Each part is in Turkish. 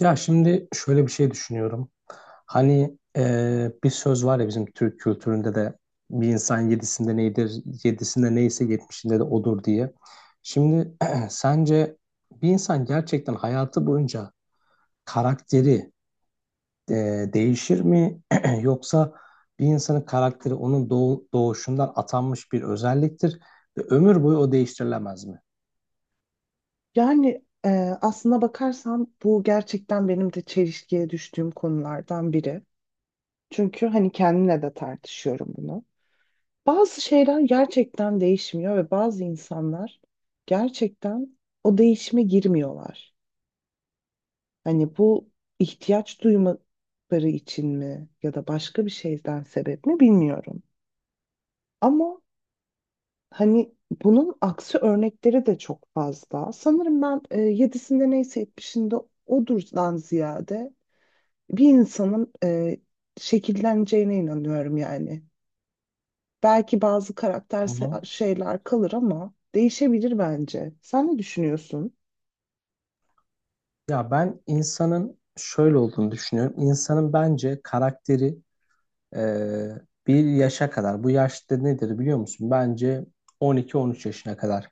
Ya şimdi şöyle bir şey düşünüyorum. Hani bir söz var ya bizim Türk kültüründe de bir insan yedisinde neydir, yedisinde neyse yetmişinde de odur diye. Şimdi sence bir insan gerçekten hayatı boyunca karakteri e, değişir mi? Yoksa bir insanın karakteri onun doğuşundan atanmış bir özelliktir ve ömür boyu o değiştirilemez mi? Yani aslına bakarsan bu gerçekten benim de çelişkiye düştüğüm konulardan biri. Çünkü hani kendimle de tartışıyorum bunu. Bazı şeyler gerçekten değişmiyor ve bazı insanlar gerçekten o değişime girmiyorlar. Hani bu ihtiyaç duymaları için mi ya da başka bir şeyden sebep mi bilmiyorum. Ama hani bunun aksi örnekleri de çok fazla. Sanırım ben yedisinde neyse etmişinde odurdan ziyade bir insanın şekilleneceğine inanıyorum yani. Belki bazı karakter Hı hı. Şeyler kalır ama değişebilir bence. Sen ne düşünüyorsun? Ya ben insanın şöyle olduğunu düşünüyorum. İnsanın bence karakteri Ee, bir yaşa kadar. Bu yaşta nedir biliyor musun? Bence 12-13 yaşına kadar.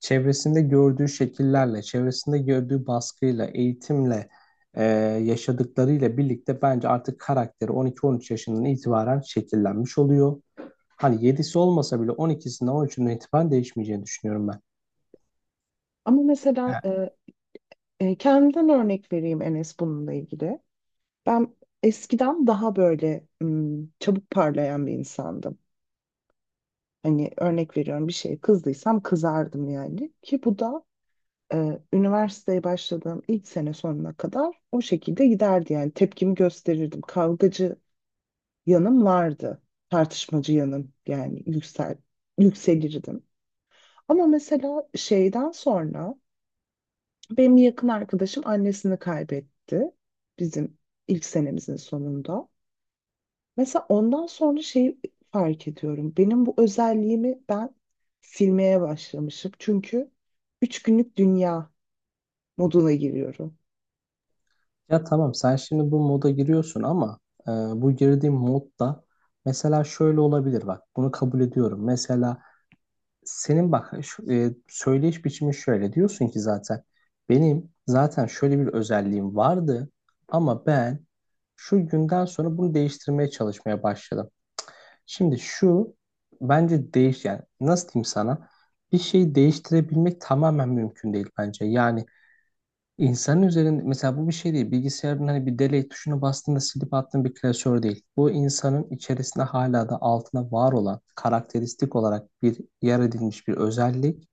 Çevresinde gördüğü şekillerle, çevresinde gördüğü baskıyla, eğitimle, e, yaşadıklarıyla birlikte bence artık karakteri 12-13 yaşından itibaren şekillenmiş oluyor. Hani 7'si olmasa bile 12'sinden 13'ünden itibaren değişmeyeceğini düşünüyorum ben. Ama mesela Yani. Kendimden örnek vereyim Enes bununla ilgili. Ben eskiden daha böyle çabuk parlayan bir insandım. Hani örnek veriyorum bir şeye kızdıysam kızardım yani. Ki bu da üniversiteye başladığım ilk sene sonuna kadar o şekilde giderdi yani tepkimi gösterirdim. Kavgacı yanım vardı. Tartışmacı yanım yani yükselirdim. Ama mesela şeyden sonra benim yakın arkadaşım annesini kaybetti bizim ilk senemizin sonunda. Mesela ondan sonra şeyi fark ediyorum. Benim bu özelliğimi ben silmeye başlamışım. Çünkü üç günlük dünya moduna giriyorum. Ya tamam sen şimdi bu moda giriyorsun ama bu girdiğin modda mesela şöyle olabilir bak bunu kabul ediyorum. Mesela senin bak şu, söyleyiş biçimi şöyle diyorsun ki zaten benim zaten şöyle bir özelliğim vardı ama ben şu günden sonra bunu değiştirmeye çalışmaya başladım. Şimdi şu bence değiş yani nasıl diyeyim sana bir şeyi değiştirebilmek tamamen mümkün değil bence. Yani. İnsanın üzerinde mesela bu bir şey değil. Bilgisayarın hani bir delete tuşuna bastığında silip attığın bir klasör değil. Bu insanın içerisinde hala da altına var olan karakteristik olarak bir yer edilmiş bir özellik.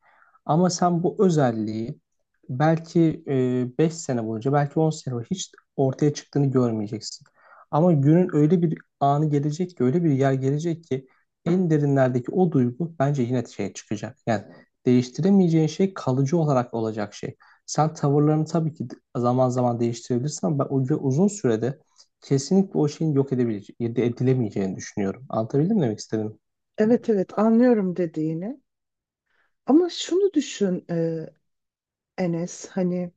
Ama sen bu özelliği belki 5 sene boyunca belki 10 sene boyunca hiç ortaya çıktığını görmeyeceksin. Ama günün öyle bir anı gelecek ki öyle bir yer gelecek ki en derinlerdeki o duygu bence yine şeye çıkacak. Yani değiştiremeyeceğin şey kalıcı olarak olacak şey. Sen tavırlarını tabii ki zaman zaman değiştirebilirsin ama ben o ve uzun sürede kesinlikle o şeyin yok edebileceği, edilemeyeceğini düşünüyorum. Anlatabildim mi demek istedim? Evet, evet, anlıyorum dediğini. Ama şunu düşün Enes hani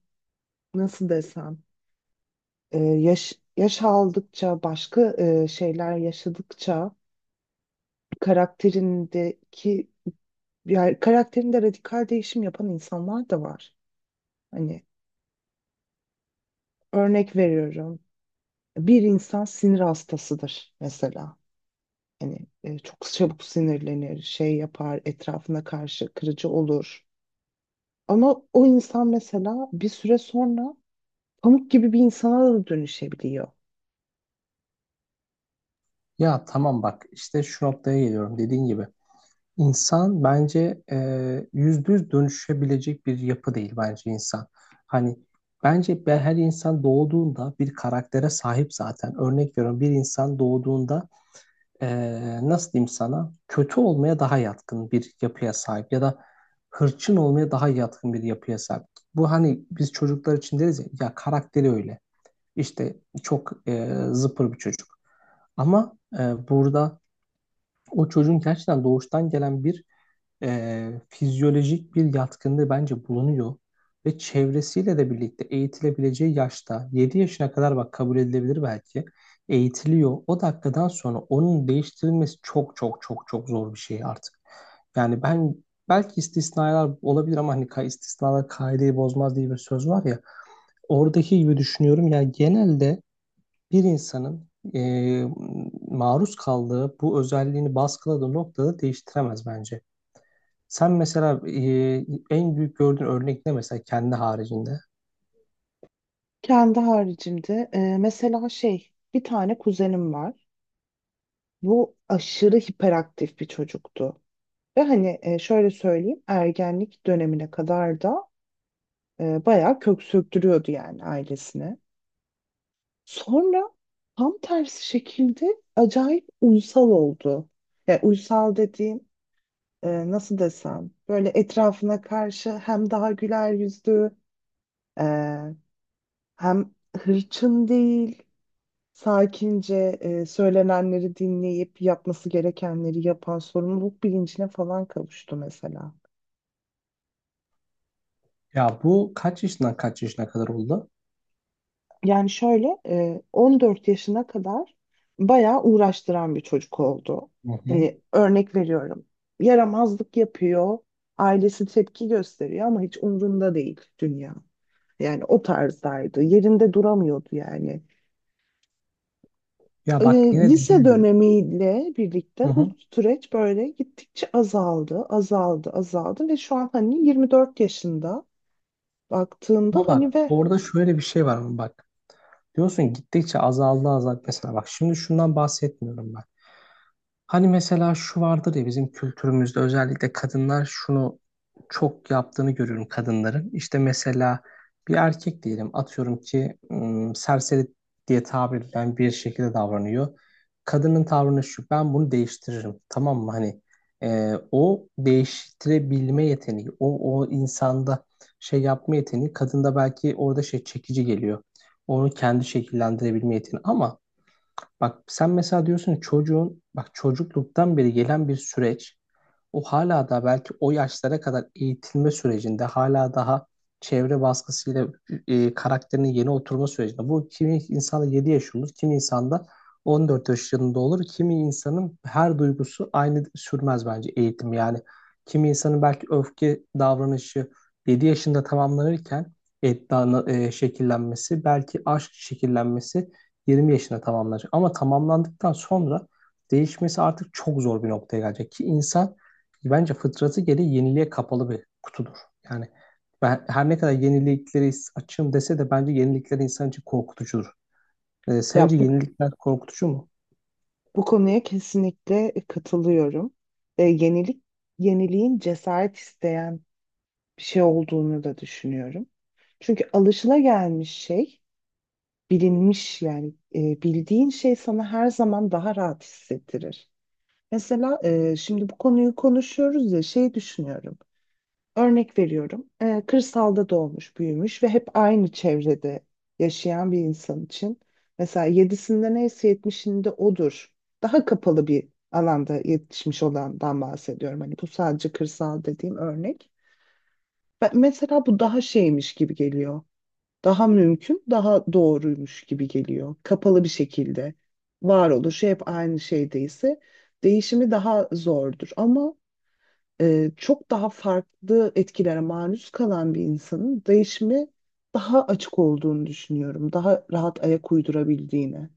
nasıl desem. Yaş aldıkça başka şeyler yaşadıkça karakterindeki yani karakterinde radikal değişim yapan insanlar da var. Hani örnek veriyorum. Bir insan sinir hastasıdır mesela. Hani çok çabuk sinirlenir, şey yapar, etrafına karşı kırıcı olur. Ama o insan mesela bir süre sonra pamuk gibi bir insana da dönüşebiliyor. Ya tamam bak işte şu noktaya geliyorum dediğin gibi. İnsan bence %100 dönüşebilecek bir yapı değil bence insan. Hani bence her insan doğduğunda bir karaktere sahip zaten. Örnek veriyorum bir insan doğduğunda nasıl diyeyim sana kötü olmaya daha yatkın bir yapıya sahip ya da hırçın olmaya daha yatkın bir yapıya sahip. Bu hani biz çocuklar için deriz ya, ya karakteri öyle. İşte çok zıpır bir çocuk. Ama burada o çocuğun gerçekten doğuştan gelen bir fizyolojik bir yatkınlığı bence bulunuyor ve çevresiyle de birlikte eğitilebileceği yaşta 7 yaşına kadar bak kabul edilebilir belki eğitiliyor. O dakikadan sonra onun değiştirilmesi çok çok çok çok zor bir şey artık. Yani ben belki istisnalar olabilir ama hani istisnalar kaideyi bozmaz diye bir söz var ya. Oradaki gibi düşünüyorum. Yani genelde bir insanın e, maruz kaldığı bu özelliğini baskıladığı noktada değiştiremez bence. Sen mesela en büyük gördüğün örnek ne mesela kendi haricinde? Kendi haricimde mesela şey bir tane kuzenim var. Bu aşırı hiperaktif bir çocuktu. Ve hani şöyle söyleyeyim ergenlik dönemine kadar da bayağı kök söktürüyordu yani ailesine. Sonra tam tersi şekilde acayip uysal oldu. Yani uysal dediğim nasıl desem böyle etrafına karşı hem daha güler yüzlü e, hem hırçın değil sakince söylenenleri dinleyip yapması gerekenleri yapan sorumluluk bilincine falan kavuştu mesela. Ya bu kaç yaşından kaç yaşına kadar oldu? Yani şöyle 14 yaşına kadar bayağı uğraştıran bir çocuk oldu. Hı hı. Hani örnek veriyorum. Yaramazlık yapıyor, ailesi tepki gösteriyor ama hiç umrunda değil dünya. Yani o tarzdaydı. Yerinde duramıyordu yani. Ya E, bak yine lise dediğim gibi. dönemiyle Hı birlikte bu hı. süreç böyle gittikçe azaldı, azaldı, azaldı ve şu an hani 24 yaşında baktığında Ama bak hani ve orada şöyle bir şey var ama bak. Diyorsun gittikçe azaldı azaldı. Mesela bak şimdi şundan bahsetmiyorum ben. Hani mesela şu vardır ya bizim kültürümüzde özellikle kadınlar şunu çok yaptığını görüyorum kadınların. İşte mesela bir erkek diyelim atıyorum ki serseri diye tabir edilen bir şekilde davranıyor. Kadının tavrını şu ben bunu değiştiririm tamam mı? Hani o değiştirebilme yeteneği o insanda şey yapma yeteneği kadında belki orada şey çekici geliyor. Onu kendi şekillendirebilme yeteneği ama bak sen mesela diyorsun ki çocuğun bak çocukluktan beri gelen bir süreç o hala da belki o yaşlara kadar eğitilme sürecinde hala daha çevre baskısıyla karakterinin yeni oturma sürecinde. Bu kimi insanda 7 yaş olur, kimi insanda 14 yaşında olur. Kimi insanın her duygusu aynı sürmez bence eğitim. Yani kimi insanın belki öfke davranışı 7 yaşında tamamlanırken şekillenmesi, belki aşk şekillenmesi 20 yaşında tamamlanacak. Ama tamamlandıktan sonra değişmesi artık çok zor bir noktaya gelecek ki insan bence fıtratı gereği yeniliğe kapalı bir kutudur. Yani ben her ne kadar yeniliklere açığım dese de bence yenilikler insan için korkutucudur. Ee, ya sence bu yenilikler korkutucu mu? Bu konuya kesinlikle katılıyorum. E, yenilik, yeniliğin cesaret isteyen bir şey olduğunu da düşünüyorum. Çünkü bilinmiş yani bildiğin şey sana her zaman daha rahat hissettirir. Mesela şimdi bu konuyu konuşuyoruz ya şey düşünüyorum. Örnek veriyorum. Kırsalda doğmuş, büyümüş ve hep aynı çevrede yaşayan bir insan için mesela yedisinde neyse yetmişinde odur. Daha kapalı bir alanda yetişmiş olandan bahsediyorum. Hani bu sadece kırsal dediğim örnek. Mesela bu daha şeymiş gibi geliyor. Daha mümkün, daha doğruymuş gibi geliyor. Kapalı bir şekilde varoluşu hep aynı şeydeyse değişimi daha zordur. Ama çok daha farklı etkilere maruz kalan bir insanın değişime daha açık olduğunu düşünüyorum. Daha rahat ayak uydurabildiğini.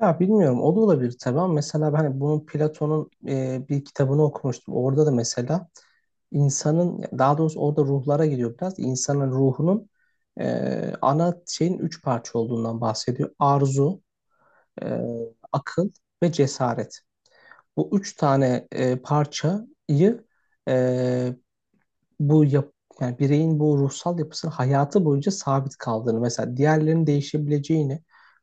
Ya bilmiyorum o da olabilir tabii ama mesela ben bunun Platon'un bir kitabını okumuştum. Orada da mesela insanın daha doğrusu orada ruhlara gidiyor biraz. İnsanın ruhunun ana şeyin 3 parça olduğundan bahsediyor. Arzu, e, akıl ve cesaret. Bu üç tane parçayı e, bu yap yani bireyin bu ruhsal yapısının hayatı boyunca sabit kaldığını mesela diğerlerinin değişebileceğini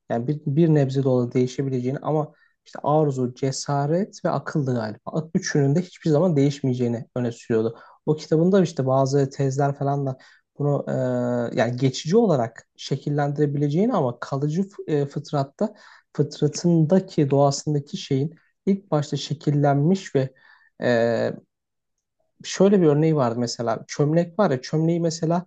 yani bir nebze de olsa değişebileceğini ama işte arzu, cesaret ve akıllı galiba. Üçünün de hiçbir zaman değişmeyeceğini öne sürüyordu. O kitabında işte bazı tezler falan da bunu yani geçici olarak şekillendirebileceğini ama kalıcı fıtratta fıtratındaki doğasındaki şeyin ilk başta şekillenmiş ve e, şöyle bir örneği vardı mesela. Çömlek var ya çömleği mesela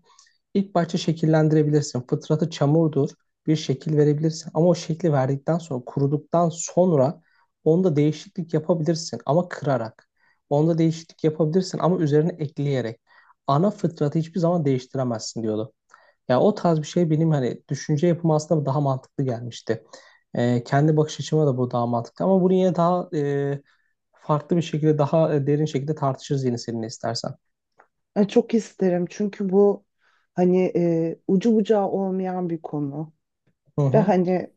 ilk başta şekillendirebilirsin. Fıtratı çamurdur. Bir şekil verebilirsin. Ama o şekli verdikten sonra kuruduktan sonra onda değişiklik yapabilirsin ama kırarak. Onda değişiklik yapabilirsin ama üzerine ekleyerek. Ana fıtratı hiçbir zaman değiştiremezsin diyordu. Ya o tarz bir şey benim hani düşünce yapımı aslında daha mantıklı gelmişti. Kendi bakış açıma da bu daha mantıklı ama bunu yine daha farklı bir şekilde daha derin şekilde tartışırız yine seninle istersen. Yani çok isterim çünkü bu hani ucu bucağı olmayan bir konu Hı ve hı. hani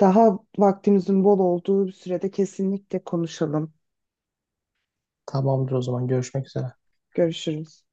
daha vaktimizin bol olduğu bir sürede kesinlikle konuşalım. Tamamdır o zaman görüşmek üzere. Görüşürüz.